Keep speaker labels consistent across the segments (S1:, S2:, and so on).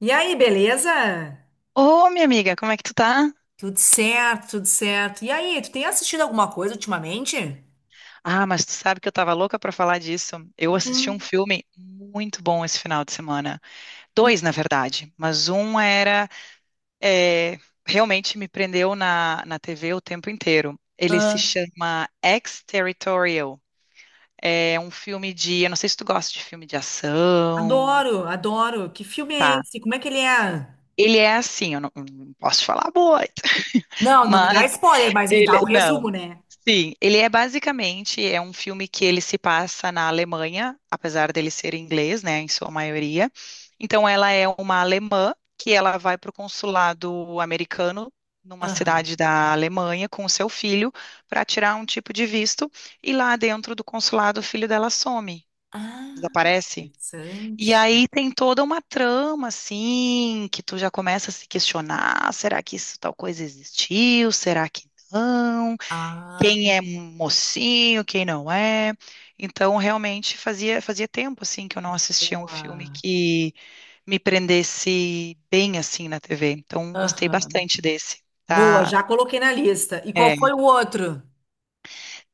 S1: E aí, beleza?
S2: Ô, minha amiga, como é que tu tá?
S1: Tudo certo, tudo certo. E aí, tu tem assistido alguma coisa ultimamente?
S2: Ah, mas tu sabe que eu tava louca pra falar disso. Eu assisti um
S1: Uhum,
S2: filme muito bom esse final de semana.
S1: uhum.
S2: Dois, na verdade, mas um era é, realmente me prendeu na TV o tempo inteiro. Ele se
S1: Ah.
S2: chama Ex-Territorial. É um filme de, eu não sei se tu gosta de filme de ação.
S1: Adoro, adoro. Que filme é
S2: Tá.
S1: esse? Como é que ele é?
S2: Ele é assim, eu não posso falar muito,
S1: Não, não me dá
S2: mas
S1: spoiler, mas me dá
S2: ele,
S1: dá um
S2: não.
S1: resumo, né?
S2: Sim, ele é basicamente é um filme que ele se passa na Alemanha, apesar dele ser inglês, né, em sua maioria. Então ela é uma alemã que ela vai para o consulado americano numa
S1: Aham.
S2: cidade da Alemanha com o seu filho para tirar um tipo de visto e lá dentro do consulado o filho dela some,
S1: Ah,
S2: desaparece. E
S1: interessante.
S2: aí tem toda uma trama, assim, que tu já começa a se questionar: será que isso tal coisa existiu? Será que não?
S1: Ah,
S2: Quem é mocinho, quem não é. Então, realmente fazia tempo assim que eu não assistia um filme
S1: boa.
S2: que me prendesse bem assim na TV. Então, gostei
S1: Aham.
S2: bastante desse.
S1: Boa,
S2: Tá?
S1: já coloquei na lista. E qual?
S2: É.
S1: foi o outro?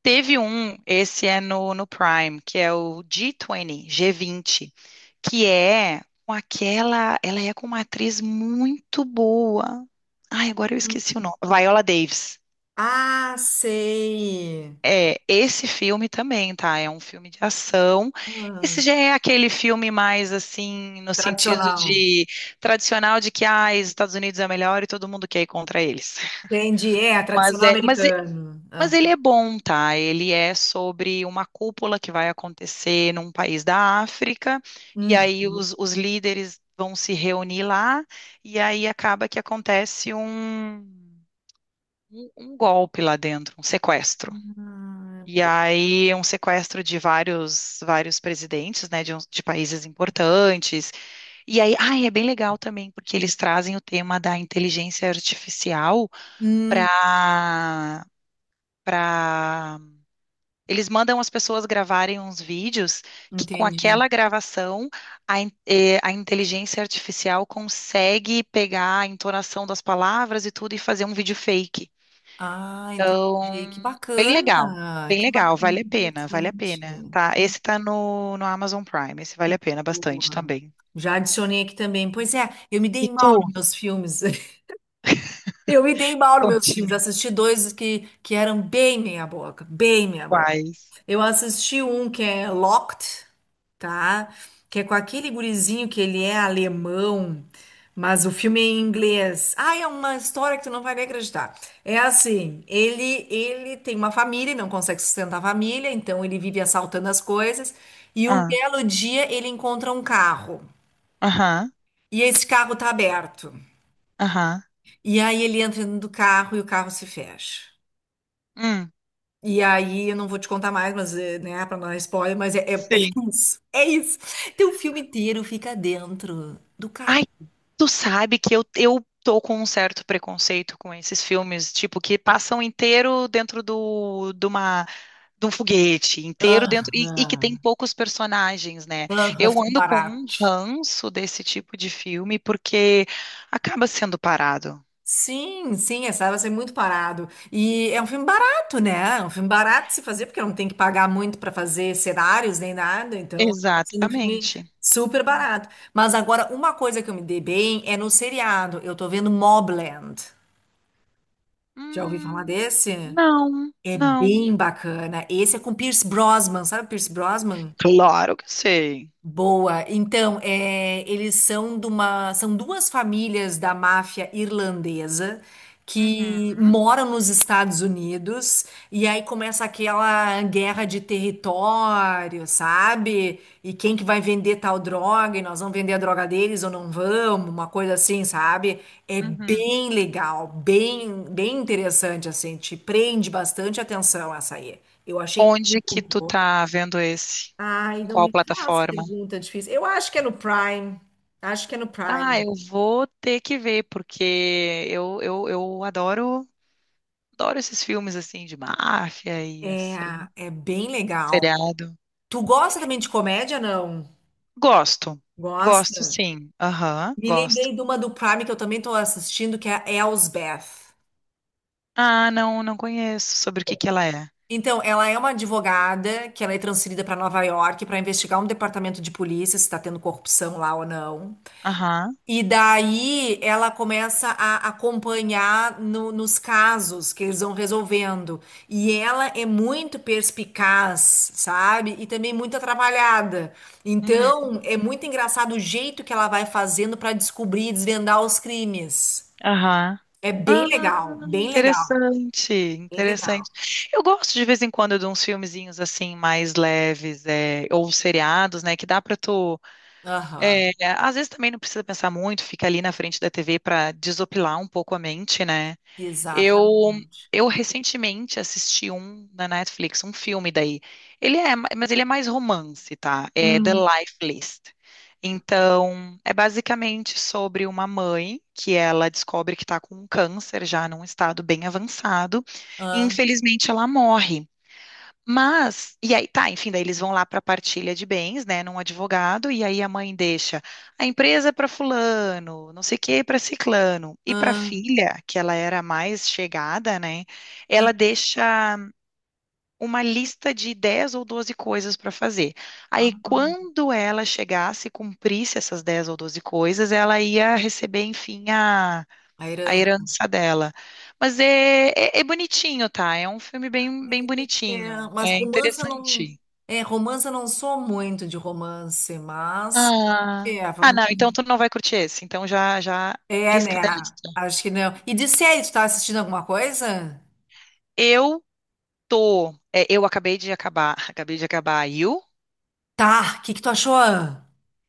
S2: Teve um, esse é no Prime, que é o G20, G20, que é com aquela, ela é com uma atriz muito boa. Ai, agora eu esqueci
S1: Hum.
S2: o nome. Viola Davis.
S1: Ah, sei.
S2: É, esse filme também, tá? É um filme de ação.
S1: Ah,
S2: Esse já é aquele filme mais assim, no sentido
S1: tradicional.
S2: de tradicional de que ah, os Estados Unidos é melhor e todo mundo quer ir contra eles.
S1: Entendi. É,
S2: Mas
S1: tradicional
S2: é, mas, e-
S1: americano.
S2: mas ele é bom, tá? Ele é sobre uma cúpula que vai acontecer num país da África, e
S1: Uhum.
S2: aí os líderes vão se reunir lá, e aí acaba que acontece um, um golpe lá dentro, um sequestro. E
S1: Ah,
S2: aí, um sequestro de vários, vários presidentes, né, de países importantes. E aí, ah, é bem legal também, porque eles trazem o tema da inteligência artificial
S1: Hum,
S2: para para eles mandam as pessoas gravarem uns vídeos que com
S1: entendi.
S2: aquela gravação a, a inteligência artificial consegue pegar a entonação das palavras e tudo e fazer um vídeo fake.
S1: Ah,
S2: Então,
S1: entendi. Que
S2: bem legal,
S1: bacana.
S2: bem
S1: Que bacana,
S2: legal,
S1: que
S2: vale a
S1: interessante.
S2: pena, tá?
S1: Que
S2: Esse tá no Amazon Prime, esse vale a pena bastante
S1: boa.
S2: também.
S1: Já adicionei aqui também. Pois é, eu me
S2: E
S1: dei mal
S2: tu,
S1: nos meus filmes. Eu me dei mal nos meus filmes.
S2: conte-me
S1: Assisti dois que eram bem meia boca, bem meia boca.
S2: quais.
S1: Eu assisti um que é Locked, tá? Que é com aquele gurizinho que ele é alemão, mas o filme é em inglês. Ah, é uma história que tu não vai nem acreditar. É assim, ele tem uma família e não consegue sustentar a família, então ele vive assaltando as coisas e um
S2: Ah,
S1: belo dia ele encontra um carro.
S2: aham,
S1: E esse carro tá aberto.
S2: aham,
S1: E aí ele entra dentro do carro e o carro se fecha.
S2: hum,
S1: E aí, eu não vou te contar mais, mas, né, pra não dar spoiler, mas é
S2: sim.
S1: isso. É isso. Então, o filme inteiro fica dentro do
S2: Ai,
S1: carro.
S2: tu sabe que eu tô com um certo preconceito com esses filmes, tipo, que passam inteiro dentro do, de uma de um foguete inteiro dentro e que tem
S1: Aham.
S2: poucos personagens, né?
S1: Aham,
S2: Eu
S1: filme
S2: ando com um
S1: barato.
S2: ranço desse tipo de filme porque acaba sendo parado.
S1: Sim, sim, essa vai ser muito parado. E é um filme barato, né? É um filme barato de se fazer, porque não tem que pagar muito para fazer cenários nem nada, então acaba sendo um filme
S2: Exatamente.
S1: super barato. Mas agora, uma coisa que eu me dei bem é no seriado. Eu tô vendo Mobland. Já ouvi falar
S2: Hum,
S1: desse?
S2: não,
S1: É
S2: não.
S1: bem bacana. Esse é com Pierce Brosnan, sabe o Pierce Brosnan?
S2: Claro que sei.
S1: Boa. Então, é, eles são de uma, são duas famílias da máfia irlandesa
S2: Uhum,
S1: que moram nos Estados Unidos e aí começa aquela guerra de território, sabe? E quem que vai vender tal droga? E nós vamos vender a droga deles ou não vamos? Uma coisa assim, sabe? É
S2: uhum.
S1: bem legal, bem, bem interessante assim, te prende bastante atenção essa aí. Eu achei
S2: Onde que
S1: muito
S2: tu
S1: boa.
S2: tá vendo esse?
S1: Ai,
S2: Em
S1: não
S2: qual
S1: me faz
S2: plataforma?
S1: pergunta difícil. Eu acho que é no Prime. Acho que é no
S2: Ah,
S1: Prime.
S2: eu vou ter que ver, porque eu adoro, adoro esses filmes assim de máfia e
S1: É,
S2: ação,
S1: é bem legal.
S2: seriado.
S1: Tu gosta também de comédia, não?
S2: Gosto. Gosto,
S1: Gosta?
S2: sim. Aham,
S1: Me
S2: gosto.
S1: lembrei de uma do Prime que eu também tô assistindo, que é a Elsbeth.
S2: Ah, não, não conheço sobre o que que ela é.
S1: Então, ela é uma advogada que ela é transferida para Nova York para investigar um departamento de polícia se está tendo corrupção lá ou não.
S2: Aham,
S1: E daí ela começa a acompanhar nos casos que eles vão resolvendo. E ela é muito perspicaz, sabe? E também muito atrapalhada.
S2: uhum,
S1: Então, é muito engraçado o jeito que ela vai fazendo para descobrir e desvendar os crimes.
S2: aham.
S1: É
S2: Ah,
S1: bem legal, bem legal,
S2: interessante,
S1: bem legal.
S2: interessante. Eu gosto de vez em quando de uns filmezinhos assim mais leves, é, ou seriados, né, que dá pra tu, é,
S1: Aham,
S2: às vezes também não precisa pensar muito, fica ali na frente da TV pra desopilar um pouco a mente, né? Eu
S1: exatamente.
S2: eu recentemente assisti um na Netflix, um filme daí. Mas ele é mais romance, tá? É The
S1: Hum,
S2: Life List. Então, é basicamente sobre uma mãe que ela descobre que está com um câncer já num estado bem avançado e
S1: ah,
S2: infelizmente ela morre. Mas, e aí, tá, enfim, daí eles vão lá para a partilha de bens, né, num advogado, e aí a mãe deixa a empresa para fulano, não sei o que para ciclano, e para
S1: ah,
S2: filha, que ela era a mais chegada, né, ela deixa uma lista de 10 ou 12 coisas para fazer.
S1: ah,
S2: Aí,
S1: ah.
S2: quando ela chegasse e cumprisse essas 10 ou 12 coisas, ela ia receber, enfim, a
S1: A
S2: a
S1: herança.
S2: herança dela. É bonitinho, tá? É um filme bem, bem
S1: É,
S2: bonitinho.
S1: mas
S2: É
S1: romance eu não.
S2: interessante.
S1: É, romance eu não sou muito de romance, mas.
S2: Ah,
S1: É,
S2: não, então tu não vai curtir esse. Então já
S1: é,
S2: risca da
S1: né?
S2: lista.
S1: Acho que não. E de série, tu tá assistindo alguma coisa?
S2: Eu tô. É, eu acabei de acabar. Acabei de acabar a You.
S1: Tá, o que que tu achou?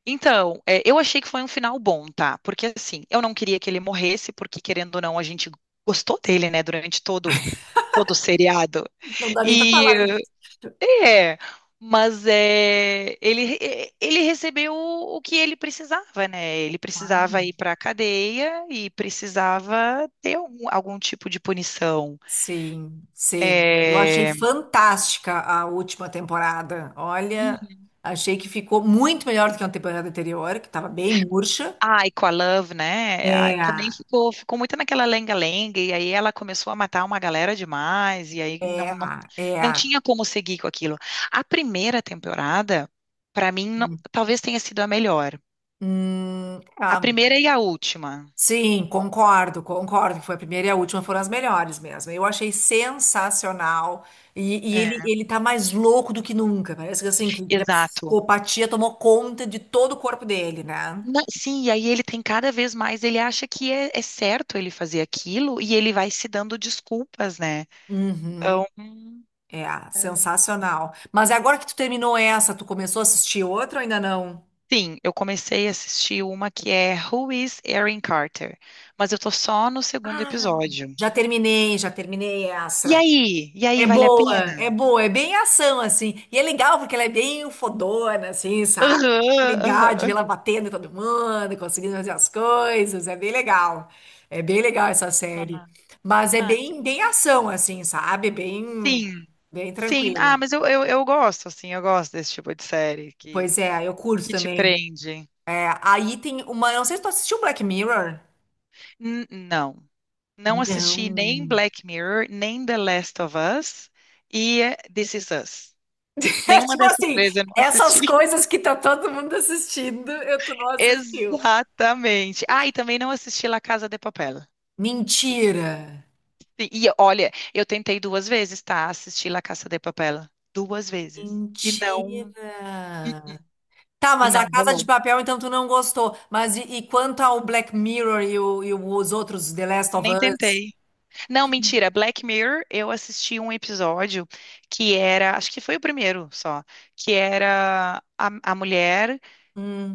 S2: Então, é, eu achei que foi um final bom, tá? Porque assim, eu não queria que ele morresse, porque querendo ou não, a gente gostou dele, né, durante todo o seriado.
S1: Não dá nem pra
S2: E
S1: falar isso.
S2: é, mas é, ele recebeu o que ele precisava, né? Ele precisava
S1: Claro.
S2: ir para a cadeia e precisava ter algum, algum tipo de punição.
S1: Sim, sim. Eu achei
S2: É,
S1: fantástica a última temporada. Olha,
S2: uhum.
S1: achei que ficou muito melhor do que a temporada anterior, que estava bem murcha.
S2: Ah, e com a Love, né? Ah,
S1: É,
S2: também ficou, ficou muito naquela lenga-lenga, e aí ela começou a matar uma galera demais, e aí não,
S1: é,
S2: não, não
S1: é.
S2: tinha como seguir com aquilo. A primeira temporada, para mim, não-
S1: Hum,
S2: talvez tenha sido a melhor. A
S1: é.
S2: primeira e a última.
S1: Sim, concordo, concordo. Que foi a primeira e a última foram as melhores mesmo. Eu achei sensacional. E ele,
S2: É.
S1: ele tá mais louco do que nunca. Parece que assim, que a
S2: Exato.
S1: psicopatia tomou conta de todo o corpo dele, né?
S2: Não, sim, e aí ele tem cada vez mais, ele acha que é, é certo ele fazer aquilo e ele vai se dando desculpas, né?
S1: Uhum.
S2: Então,
S1: É, sensacional. Mas agora que tu terminou essa, tu começou a assistir outra ou ainda não?
S2: sim, eu comecei a assistir uma que é Who is Erin Carter? Mas eu tô só no segundo
S1: Ah,
S2: episódio.
S1: já terminei
S2: E
S1: essa.
S2: aí? E
S1: É
S2: aí, vale a
S1: boa,
S2: pena?
S1: é boa, é bem ação, assim. E é legal porque ela é bem fodona, assim, sabe?
S2: Aham,
S1: Legal de ver
S2: aham.
S1: ela batendo em todo mundo, conseguindo fazer as coisas, é bem legal. É bem legal essa série.
S2: Ah,
S1: Mas é
S2: que
S1: bem,
S2: bom.
S1: bem ação, assim, sabe? Bem,
S2: Sim,
S1: bem
S2: sim.
S1: tranquila.
S2: Ah, mas eu gosto, assim, eu gosto desse tipo de série
S1: Pois é, eu curto
S2: que te
S1: também.
S2: prende.
S1: É, aí tem uma, não sei se tu assistiu Black Mirror.
S2: N- não. Não assisti nem
S1: Não.
S2: Black Mirror, nem The Last of Us e This Is Us.
S1: É
S2: Nenhuma
S1: tipo
S2: dessas
S1: assim,
S2: três eu não
S1: essas
S2: assisti.
S1: coisas que tá todo mundo assistindo, eu tu não assistiu.
S2: Exatamente. Ah, e também não assisti La Casa de Papel.
S1: Mentira.
S2: Olha, eu tentei duas vezes, tá? Assistir La Casa de Papel. Duas vezes.
S1: Mentira. Tá,
S2: E
S1: mas a
S2: não
S1: Casa de
S2: rolou.
S1: Papel, então tu não gostou. Mas e quanto ao Black Mirror e os outros The Last of
S2: Nem
S1: Us?
S2: tentei. Não, mentira. Black Mirror, eu assisti um episódio que era, acho que foi o primeiro só, que era a mulher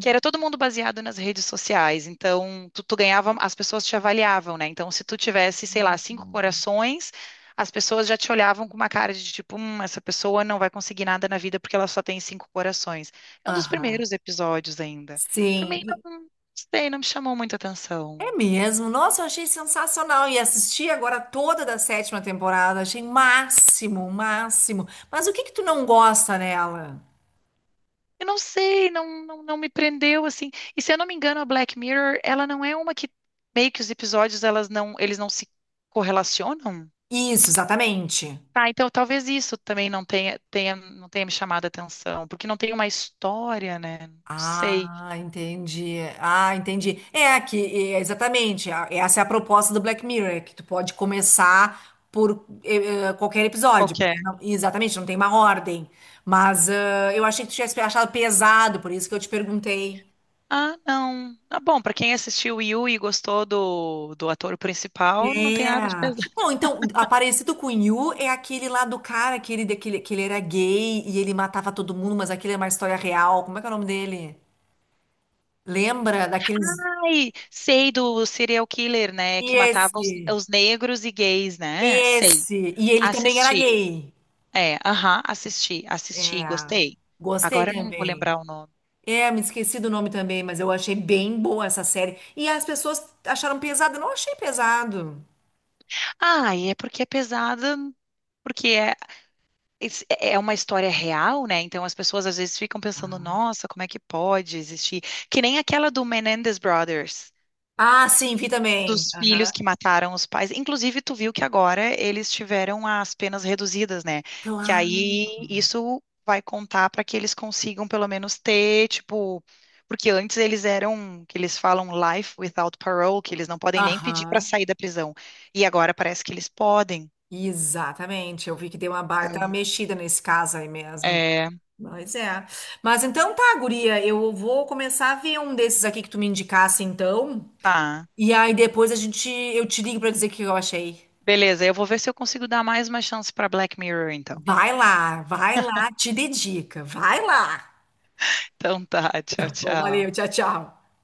S2: que era todo mundo baseado nas redes sociais. Então, tu ganhava, as pessoas te avaliavam, né? Então, se tu tivesse, sei lá, cinco corações, as pessoas já te olhavam com uma cara de tipo, essa pessoa não vai conseguir nada na vida porque ela só tem cinco corações. É um dos
S1: Aham.
S2: primeiros episódios ainda.
S1: Sim.
S2: Também
S1: E-
S2: não sei, não me chamou muita atenção.
S1: É mesmo. Nossa, eu achei sensacional. E assisti agora toda da sétima temporada. Achei máximo, máximo. Mas o que que tu não gosta nela?
S2: Eu não sei, não me prendeu assim. E se eu não me engano, a Black Mirror, ela não é uma que meio que os episódios elas não, eles não se correlacionam?
S1: Isso, exatamente.
S2: Ah, então talvez isso também tenha, não tenha me chamado a atenção, porque não tem uma história, né? Não sei
S1: Ah, entendi. Ah, entendi. É que é, exatamente. Essa é a proposta do Black Mirror, é que tu pode começar por qualquer
S2: qual
S1: episódio,
S2: que é.
S1: porque exatamente, não tem uma ordem. Mas ah, eu achei que tu tivesse achado pesado, por isso que eu te perguntei.
S2: Ah, não. Ah, bom, pra quem assistiu Yu e gostou do ator principal, não tem nada de
S1: É.
S2: pesado.
S1: Bom, então, Aparecido com You é aquele lá do cara que ele era gay e ele matava todo mundo, mas aquele é uma história real. Como é que é o nome dele? Lembra daqueles.
S2: Ai, sei do serial killer, né? Que matava os,
S1: Esse.
S2: os negros e gays, né? Sei.
S1: Esse. E ele também era
S2: Assisti.
S1: gay.
S2: É, aham, assisti,
S1: É.
S2: gostei.
S1: Gostei
S2: Agora eu não vou
S1: também.
S2: lembrar o nome.
S1: É, me esqueci do nome também, mas eu achei bem boa essa série. E as pessoas acharam pesado. Eu não achei pesado.
S2: Ah, e é porque é pesada, porque é é é uma história real, né? Então as pessoas às vezes ficam pensando, nossa, como é que pode existir? Que nem aquela do Menendez Brothers,
S1: Ah, sim, vi também.
S2: dos
S1: Aham.
S2: filhos que mataram os pais. Inclusive, tu viu que agora eles tiveram as penas reduzidas, né? Que
S1: Claro.
S2: aí isso vai contar para que eles consigam pelo menos ter, tipo, porque antes eles eram, que eles falam life without parole, que eles não podem nem pedir para
S1: Aham.
S2: sair da prisão. E agora parece que eles podem.
S1: Exatamente. Eu vi que deu uma baita
S2: Então,
S1: mexida nesse caso aí mesmo.
S2: é,
S1: Mas é. Mas então tá, guria. Eu vou começar a ver um desses aqui que tu me indicasse, então.
S2: tá.
S1: E aí depois a gente, eu te ligo pra dizer o que eu achei.
S2: Beleza, eu vou ver se eu consigo dar mais uma chance para Black Mirror, então.
S1: Vai lá, te dedica, vai lá.
S2: Então tá, tchau,
S1: Bom,
S2: tchau.
S1: valeu, tchau, tchau.